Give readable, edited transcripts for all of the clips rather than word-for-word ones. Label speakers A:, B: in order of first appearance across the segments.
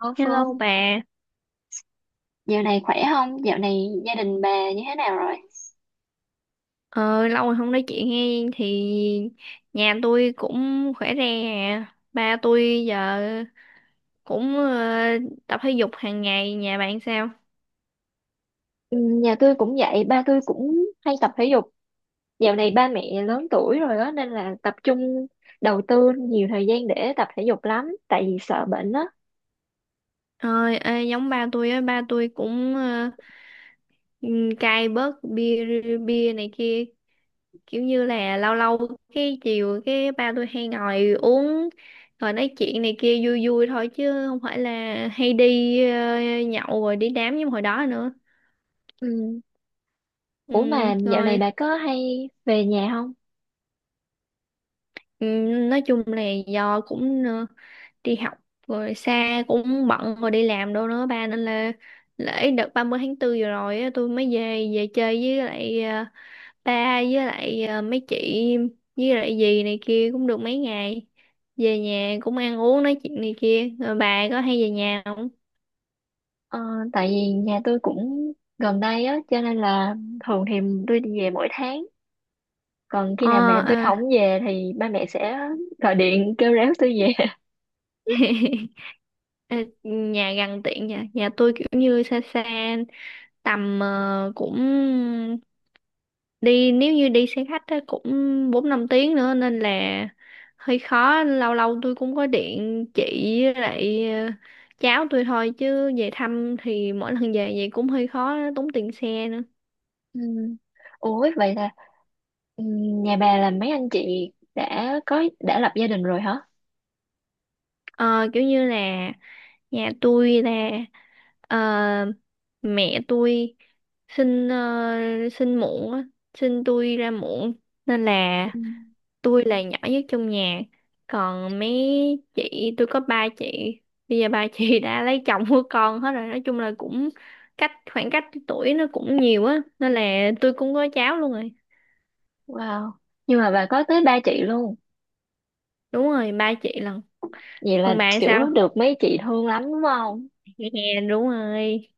A: Ô Phương,
B: Hello bà,
A: dạo này khỏe không? Dạo này gia đình bà như thế nào rồi?
B: ờ, lâu rồi không nói chuyện hay thì nhà tôi cũng khỏe re à. Ba tôi giờ cũng tập thể dục hàng ngày, nhà bạn sao?
A: Ừ, nhà tôi cũng vậy, ba tôi cũng hay tập thể dục. Dạo này ba mẹ lớn tuổi rồi đó nên là tập trung đầu tư nhiều thời gian để tập thể dục lắm, tại vì sợ bệnh á.
B: Ơi, ê, giống ba tôi á, ba tôi cũng cai bớt bia bia này kia, kiểu như là lâu lâu cái chiều cái ba tôi hay ngồi uống rồi nói chuyện này kia vui vui thôi chứ không phải là hay đi nhậu rồi đi đám như hồi đó nữa.
A: Ừ.
B: Ừ,
A: Ủa mà dạo này
B: rồi.
A: bà có hay về nhà không?
B: Ừ, nói chung là do cũng đi học rồi xa cũng bận rồi đi làm đâu nữa ba nên là lễ đợt ba mươi tháng 4 vừa rồi á, tôi mới về về chơi với lại ba với lại mấy chị với lại dì này kia cũng được mấy ngày về nhà cũng ăn uống nói chuyện này kia rồi bà có hay về nhà không?
A: ờ, Tại vì nhà tôi cũng gần đây á, cho nên là thường thì tôi đi về mỗi tháng, còn khi
B: Ờ,
A: nào mẹ tôi
B: à.
A: không về thì ba mẹ sẽ gọi điện kêu réo tôi về.
B: Ờ, nhà gần tiện nhà nhà tôi kiểu như xa xa tầm cũng đi, nếu như đi xe khách á, cũng 4-5 tiếng nữa nên là hơi khó. Lâu lâu tôi cũng có điện chị với lại cháu tôi thôi chứ về thăm thì mỗi lần về vậy cũng hơi khó, tốn tiền xe nữa.
A: Ừ. Ủa vậy là, ừ, nhà bà là mấy anh chị đã có, đã lập gia đình rồi hả?
B: Ờ, kiểu như là nhà tôi là ờ, mẹ tôi sinh ờ, sinh muộn á, sinh tôi ra muộn nên là
A: Ừ.
B: tôi là nhỏ nhất trong nhà, còn mấy chị tôi có ba chị. Bây giờ ba chị đã lấy chồng của con hết rồi, nói chung là cũng khoảng cách tuổi nó cũng nhiều á nên là tôi cũng có cháu luôn rồi.
A: Wow. Nhưng mà bà có tới ba chị luôn.
B: Đúng rồi, ba chị lần.
A: Vậy là
B: Còn bạn sao?
A: kiểu được mấy chị thương lắm đúng không?
B: Dạ, đúng rồi,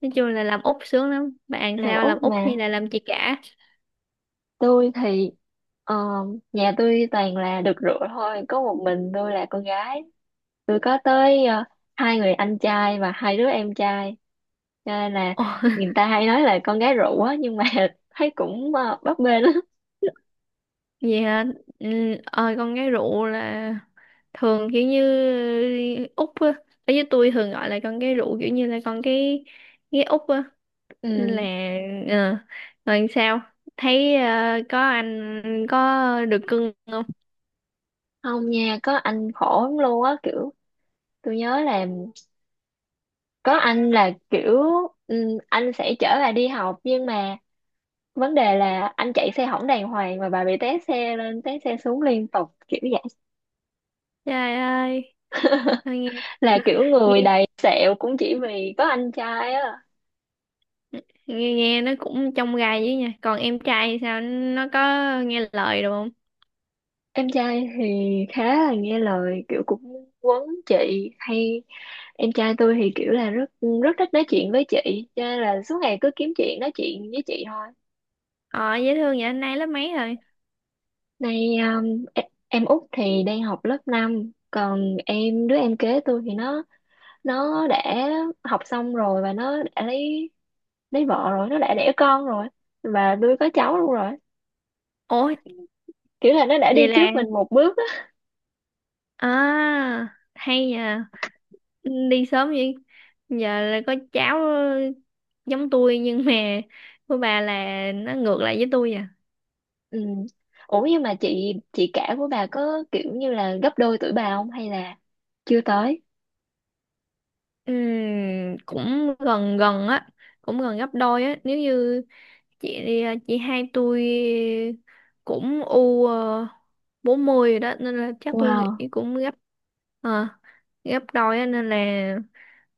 B: nói chung là làm út sướng lắm, bạn
A: Làm
B: sao, làm
A: út
B: út hay
A: mà.
B: là làm chị cả?
A: Tôi thì ờ, nhà tôi toàn là được rượu thôi. Có một mình tôi là con gái. Tôi có tới hai người anh trai và hai đứa em trai. Cho nên là
B: Ồ,
A: người ta hay nói là con gái rượu á. Nhưng mà thấy cũng bấp bênh á.
B: vậy hả? Ừ, con gái rượu là thường kiểu như út á. Ở với tôi thường gọi là con gái rượu kiểu như là con cái út á. Nên là
A: Ừ.
B: ờ, rồi sao? Thấy có anh, có được cưng không?
A: Không nha, có anh khổ lắm luôn á. Kiểu tôi nhớ là có anh là kiểu, anh sẽ chở bà đi học, nhưng mà vấn đề là anh chạy xe hỏng đàng hoàng mà bà bị té xe lên té xe xuống liên tục kiểu vậy,
B: Trời ơi, thôi
A: là kiểu
B: nghe
A: người đầy sẹo cũng chỉ vì có anh trai á.
B: nghe nó cũng trong gai với nha. Còn em trai thì sao? Nó có nghe lời được không?
A: Em trai thì khá là nghe lời, kiểu cũng quấn chị. Em trai tôi thì kiểu là rất rất thích nói chuyện với chị, cho nên là suốt ngày cứ kiếm chuyện nói chuyện với chị thôi.
B: Ờ, dễ thương vậy, anh nay lớp mấy rồi?
A: Em Út thì đang học lớp 5, còn đứa em kế tôi thì nó đã học xong rồi, và nó đã lấy vợ rồi, nó đã đẻ con rồi, và tôi có cháu luôn rồi.
B: Ủa,
A: Kiểu là nó đã
B: vậy
A: đi trước
B: là,
A: mình một bước á.
B: à, hay nhờ, đi sớm vậy giờ là có cháu giống tôi nhưng mà của bà là nó ngược lại với tôi à.
A: Ừ. Ủa nhưng mà chị cả của bà có kiểu như là gấp đôi tuổi bà không, hay là chưa tới?
B: Cũng gần gần á, cũng gần gấp đôi á, nếu như chị chị hai tôi cũng u 40 rồi đó nên là chắc tôi
A: Wow.
B: nghĩ cũng ờ, gấp đôi á nên là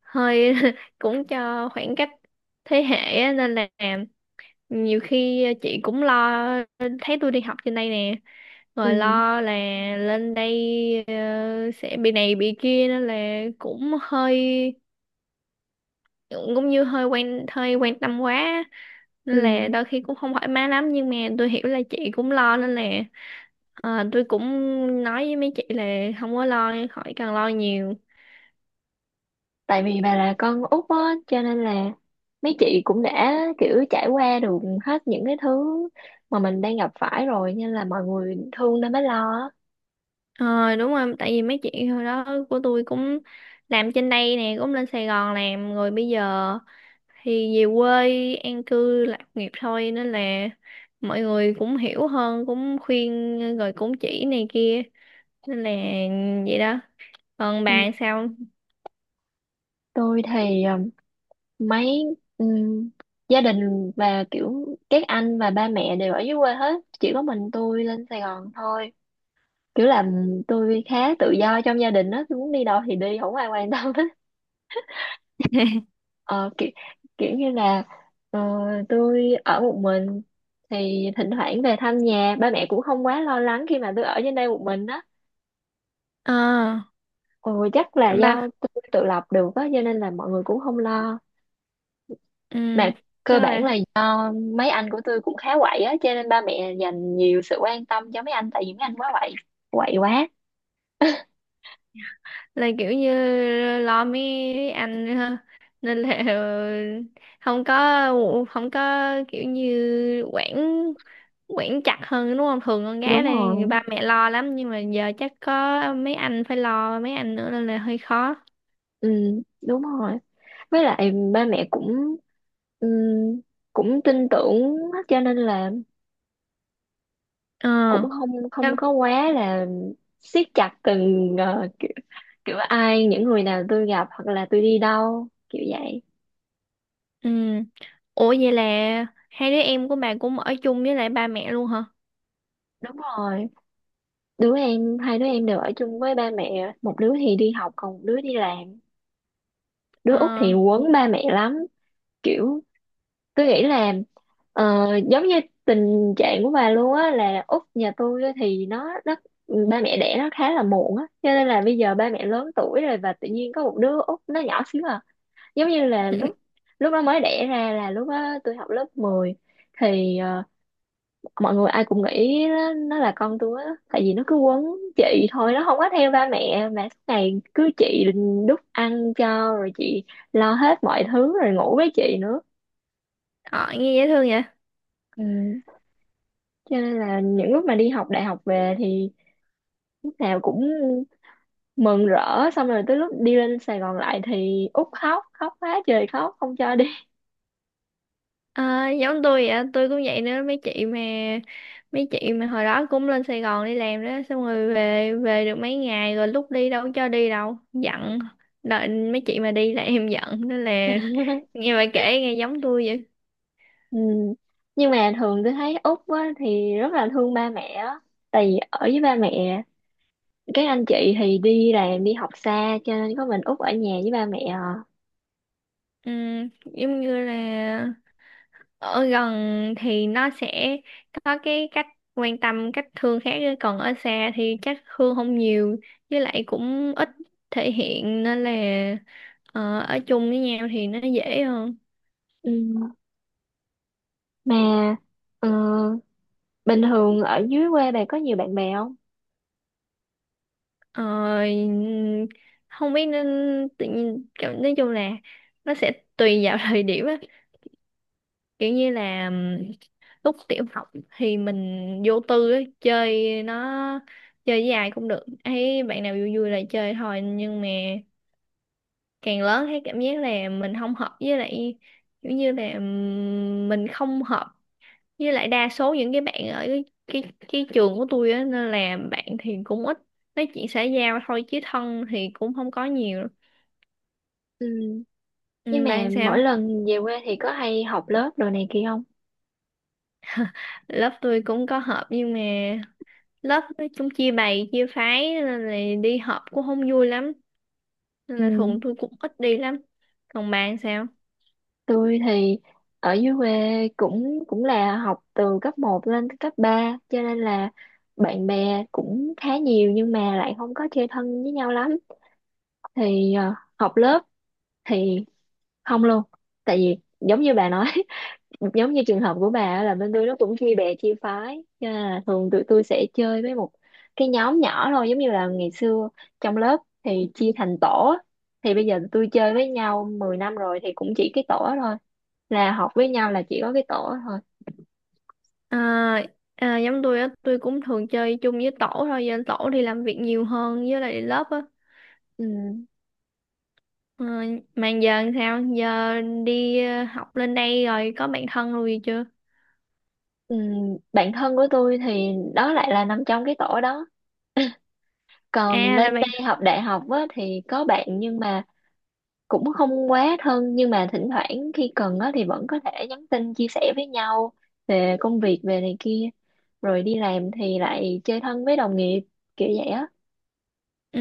B: hơi cũng cho khoảng cách thế hệ á, nên là nhiều khi chị cũng lo, thấy tôi đi học trên đây nè rồi
A: Ừ.
B: lo là lên đây sẽ bị này bị kia nên là cũng hơi, cũng như hơi quan tâm quá
A: Ừ,
B: nên là đôi khi cũng không thoải mái lắm, nhưng mà tôi hiểu là chị cũng lo nên là ờ, tôi cũng nói với mấy chị là không có lo, khỏi cần lo nhiều.
A: tại vì bà là con út á, cho nên là mấy chị cũng đã kiểu trải qua được hết những cái thứ mà mình đang gặp phải rồi, nên là mọi người thương nên mới lo á.
B: Ờ, đúng rồi, tại vì mấy chị hồi đó của tôi cũng làm trên đây nè, cũng lên Sài Gòn làm rồi bây giờ thì về quê an cư lạc nghiệp thôi nên là mọi người cũng hiểu hơn, cũng khuyên rồi cũng chỉ này kia nên là vậy đó. Còn
A: Ừ,
B: bạn sao?
A: tôi thì mấy um, gia đình và kiểu các anh và ba mẹ đều ở dưới quê hết, chỉ có mình tôi lên Sài Gòn thôi. Kiểu là ừ, tôi khá tự do trong gia đình đó, tôi muốn đi đâu thì đi, không ai quan tâm hết. Ờ, kiểu, kiểu như là ờ, tôi ở một mình thì thỉnh thoảng về thăm nhà, ba mẹ cũng không quá lo lắng khi mà tôi ở trên đây một mình á.
B: Ờ,
A: Ừ, chắc là do
B: ba,
A: tôi tự lập được á, cho nên là mọi người cũng không lo.
B: ừ,
A: Mà cơ
B: chắc
A: bản là
B: là
A: do mấy anh của tôi cũng khá quậy á, cho nên ba mẹ dành nhiều sự quan tâm cho mấy anh, tại vì mấy anh quá quậy, quậy quá.
B: là kiểu như lo mấy anh ha, nên là không có không có kiểu như quản quản chặt hơn đúng không, thường con gái
A: Đúng
B: là
A: rồi.
B: ba mẹ lo lắm nhưng mà giờ chắc có mấy anh phải lo mấy anh nữa nên là hơi khó.
A: Ừ, đúng rồi, với lại ba mẹ cũng ừ, cũng tin tưởng á, cho nên là
B: Ờ,
A: cũng không
B: chắc.
A: không có quá là siết chặt từng kiểu, kiểu ai, những người nào tôi gặp hoặc là tôi đi đâu kiểu vậy.
B: Ừ. Ủa, vậy là hai đứa em của bà cũng ở chung với lại ba mẹ luôn hả?
A: Đúng rồi, đứa em hai đứa em đều ở chung với ba mẹ, một đứa thì đi học còn một đứa đi làm. Đứa út
B: Ờ,
A: thì quấn ba mẹ lắm. Kiểu tôi nghĩ là giống như tình trạng của bà luôn á, là út nhà tôi á thì nó, ba mẹ đẻ nó khá là muộn á, cho nên là bây giờ ba mẹ lớn tuổi rồi và tự nhiên có một đứa út nó nhỏ xíu à. Giống như là lúc lúc nó mới đẻ ra là lúc đó tôi học lớp 10. Thì mọi người ai cũng nghĩ nó là con tôi á, tại vì nó cứ quấn chị thôi, nó không có theo ba mẹ, mà suốt ngày cứ chị đút ăn cho, rồi chị lo hết mọi thứ, rồi ngủ với chị nữa.
B: ờ nghe dễ thương vậy.
A: Ừ. Cho nên là những lúc mà đi học đại học về thì lúc nào cũng mừng rỡ, xong rồi tới lúc đi lên Sài Gòn lại thì út khóc, khóc quá trời, khóc không cho.
B: Ờ, giống tôi vậy, tôi cũng vậy nữa, mấy chị mà hồi đó cũng lên Sài Gòn đi làm đó, xong rồi về về được mấy ngày rồi lúc đi đâu có cho đi đâu giận, đợi mấy chị mà đi là em giận nên là nghe bà kể nghe giống tôi vậy.
A: Ừ. Nhưng mà thường tôi thấy Úc á, thì rất là thương ba mẹ á. Tại vì ở với ba mẹ, các anh chị thì đi làm, đi học xa, cho nên có mình Út ở nhà với ba mẹ à.
B: Ừ, giống như là ở gần thì nó sẽ có cái cách quan tâm cách thương khác ấy. Còn ở xa thì chắc thương không nhiều, với lại cũng ít thể hiện nên là ờ, ở chung với nhau thì nó dễ hơn.
A: Ừ. Mà ờ, bình thường ở dưới quê bà có nhiều bạn bè không?
B: Ờ, không biết nên tự nhiên kiểu, nói chung là nó sẽ tùy vào thời điểm á, kiểu như là lúc tiểu học thì mình vô tư á, chơi nó chơi với ai cũng được, thấy bạn nào vui vui là chơi thôi nhưng mà càng lớn thấy cảm giác là mình không hợp với lại, kiểu như là mình không hợp với lại đa số những cái bạn ở cái trường của tôi á nên là bạn thì cũng ít, nói chuyện xã giao thôi chứ thân thì cũng không có nhiều.
A: Ừ. Nhưng
B: Ừ, bạn
A: mà mỗi
B: sao?
A: lần về quê thì có hay học lớp đồ này kia không?
B: Lớp tôi cũng có họp nhưng mà lớp nói chung chia bầy chia phái nên là đi họp cũng không vui lắm, nên
A: Ừ.
B: là thường tôi cũng ít đi lắm. Còn bạn sao?
A: Tôi thì ở dưới quê cũng cũng là học từ cấp một lên tới cấp ba, cho nên là bạn bè cũng khá nhiều, nhưng mà lại không có chơi thân với nhau lắm. Thì học lớp thì không luôn. Tại vì giống như bà nói, giống như trường hợp của bà á, là bên tôi nó cũng chia bè chia phái, cho nên là thường tụi tôi sẽ chơi với một cái nhóm nhỏ thôi, giống như là ngày xưa trong lớp thì chia thành tổ á. Thì bây giờ tụi tôi chơi với nhau 10 năm rồi thì cũng chỉ cái tổ đó thôi, là học với nhau là chỉ có cái tổ thôi.
B: À, à, giống tôi á, tôi cũng thường chơi chung với tổ thôi, giờ tổ đi làm việc nhiều hơn với lại lớp á.
A: Ừ.
B: Ờ, mà giờ làm sao? Giờ đi học lên đây rồi có bạn thân rồi gì chưa?
A: Ừ, bạn thân của tôi thì đó lại là nằm trong cái tổ đó. Còn
B: À,
A: lên
B: là bạn.
A: đây học đại học á, thì có bạn nhưng mà cũng không quá thân, nhưng mà thỉnh thoảng khi cần á, thì vẫn có thể nhắn tin chia sẻ với nhau về công việc, về này kia. Rồi đi làm thì lại chơi thân với đồng nghiệp kiểu vậy á.
B: Ừ,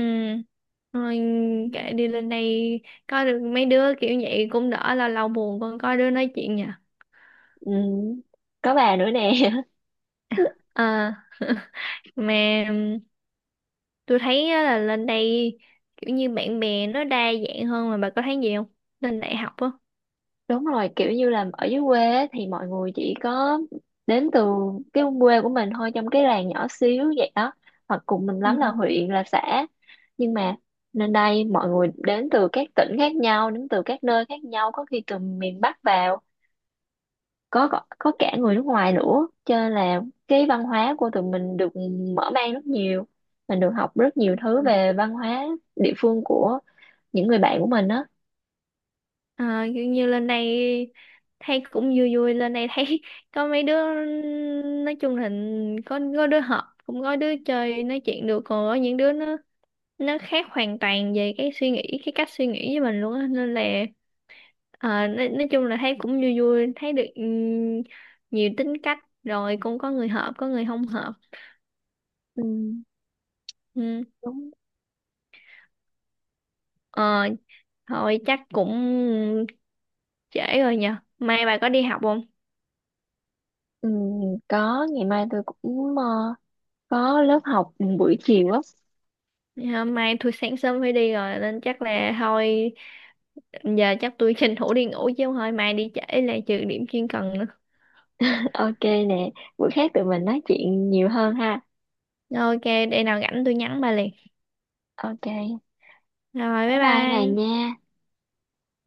B: rồi kệ, đi lên đây có được mấy đứa kiểu vậy cũng đỡ, là lâu buồn còn có đứa nói chuyện nhỉ.
A: Ừ, có bà nữa nè.
B: À, mà tôi thấy á, là lên đây kiểu như bạn bè nó đa dạng hơn, mà bà có thấy gì không? Lên đại học á.
A: Đúng rồi, kiểu như là ở dưới quê á, thì mọi người chỉ có đến từ cái quê của mình thôi, trong cái làng nhỏ xíu vậy đó, hoặc cùng mình lắm là
B: Ừ.
A: huyện là xã. Nhưng mà nên đây mọi người đến từ các tỉnh khác nhau, đến từ các nơi khác nhau, có khi từ miền Bắc vào, có cả người nước ngoài nữa, cho nên là cái văn hóa của tụi mình được mở mang rất nhiều. Mình được học rất nhiều thứ về văn hóa địa phương của những người bạn của mình á.
B: À, kiểu như lên đây thấy cũng vui vui, lên đây thấy có mấy đứa nói chung là có đứa hợp cũng có đứa chơi nói chuyện được, còn có những đứa nó khác hoàn toàn về cái cách suy nghĩ với mình luôn á nên là nói chung là thấy cũng vui vui, thấy được nhiều tính cách, rồi cũng có người hợp có người không hợp.
A: Ừ,
B: Ừ.
A: đúng.
B: Ờ, thôi chắc cũng trễ rồi nhờ, mai bà có đi học không?
A: Ừ, có, ngày mai tôi cũng có lớp học buổi chiều á.
B: Dạ, mai tôi sáng sớm phải đi rồi nên chắc là thôi, giờ chắc tôi tranh thủ đi ngủ chứ không thôi mai đi trễ là trừ điểm chuyên cần nữa.
A: Ok nè, buổi khác tụi mình nói chuyện nhiều hơn ha.
B: Ok, để nào rảnh tôi nhắn bà liền.
A: Ok, bye.
B: Rồi, bye
A: Bye bà
B: bye.
A: nha.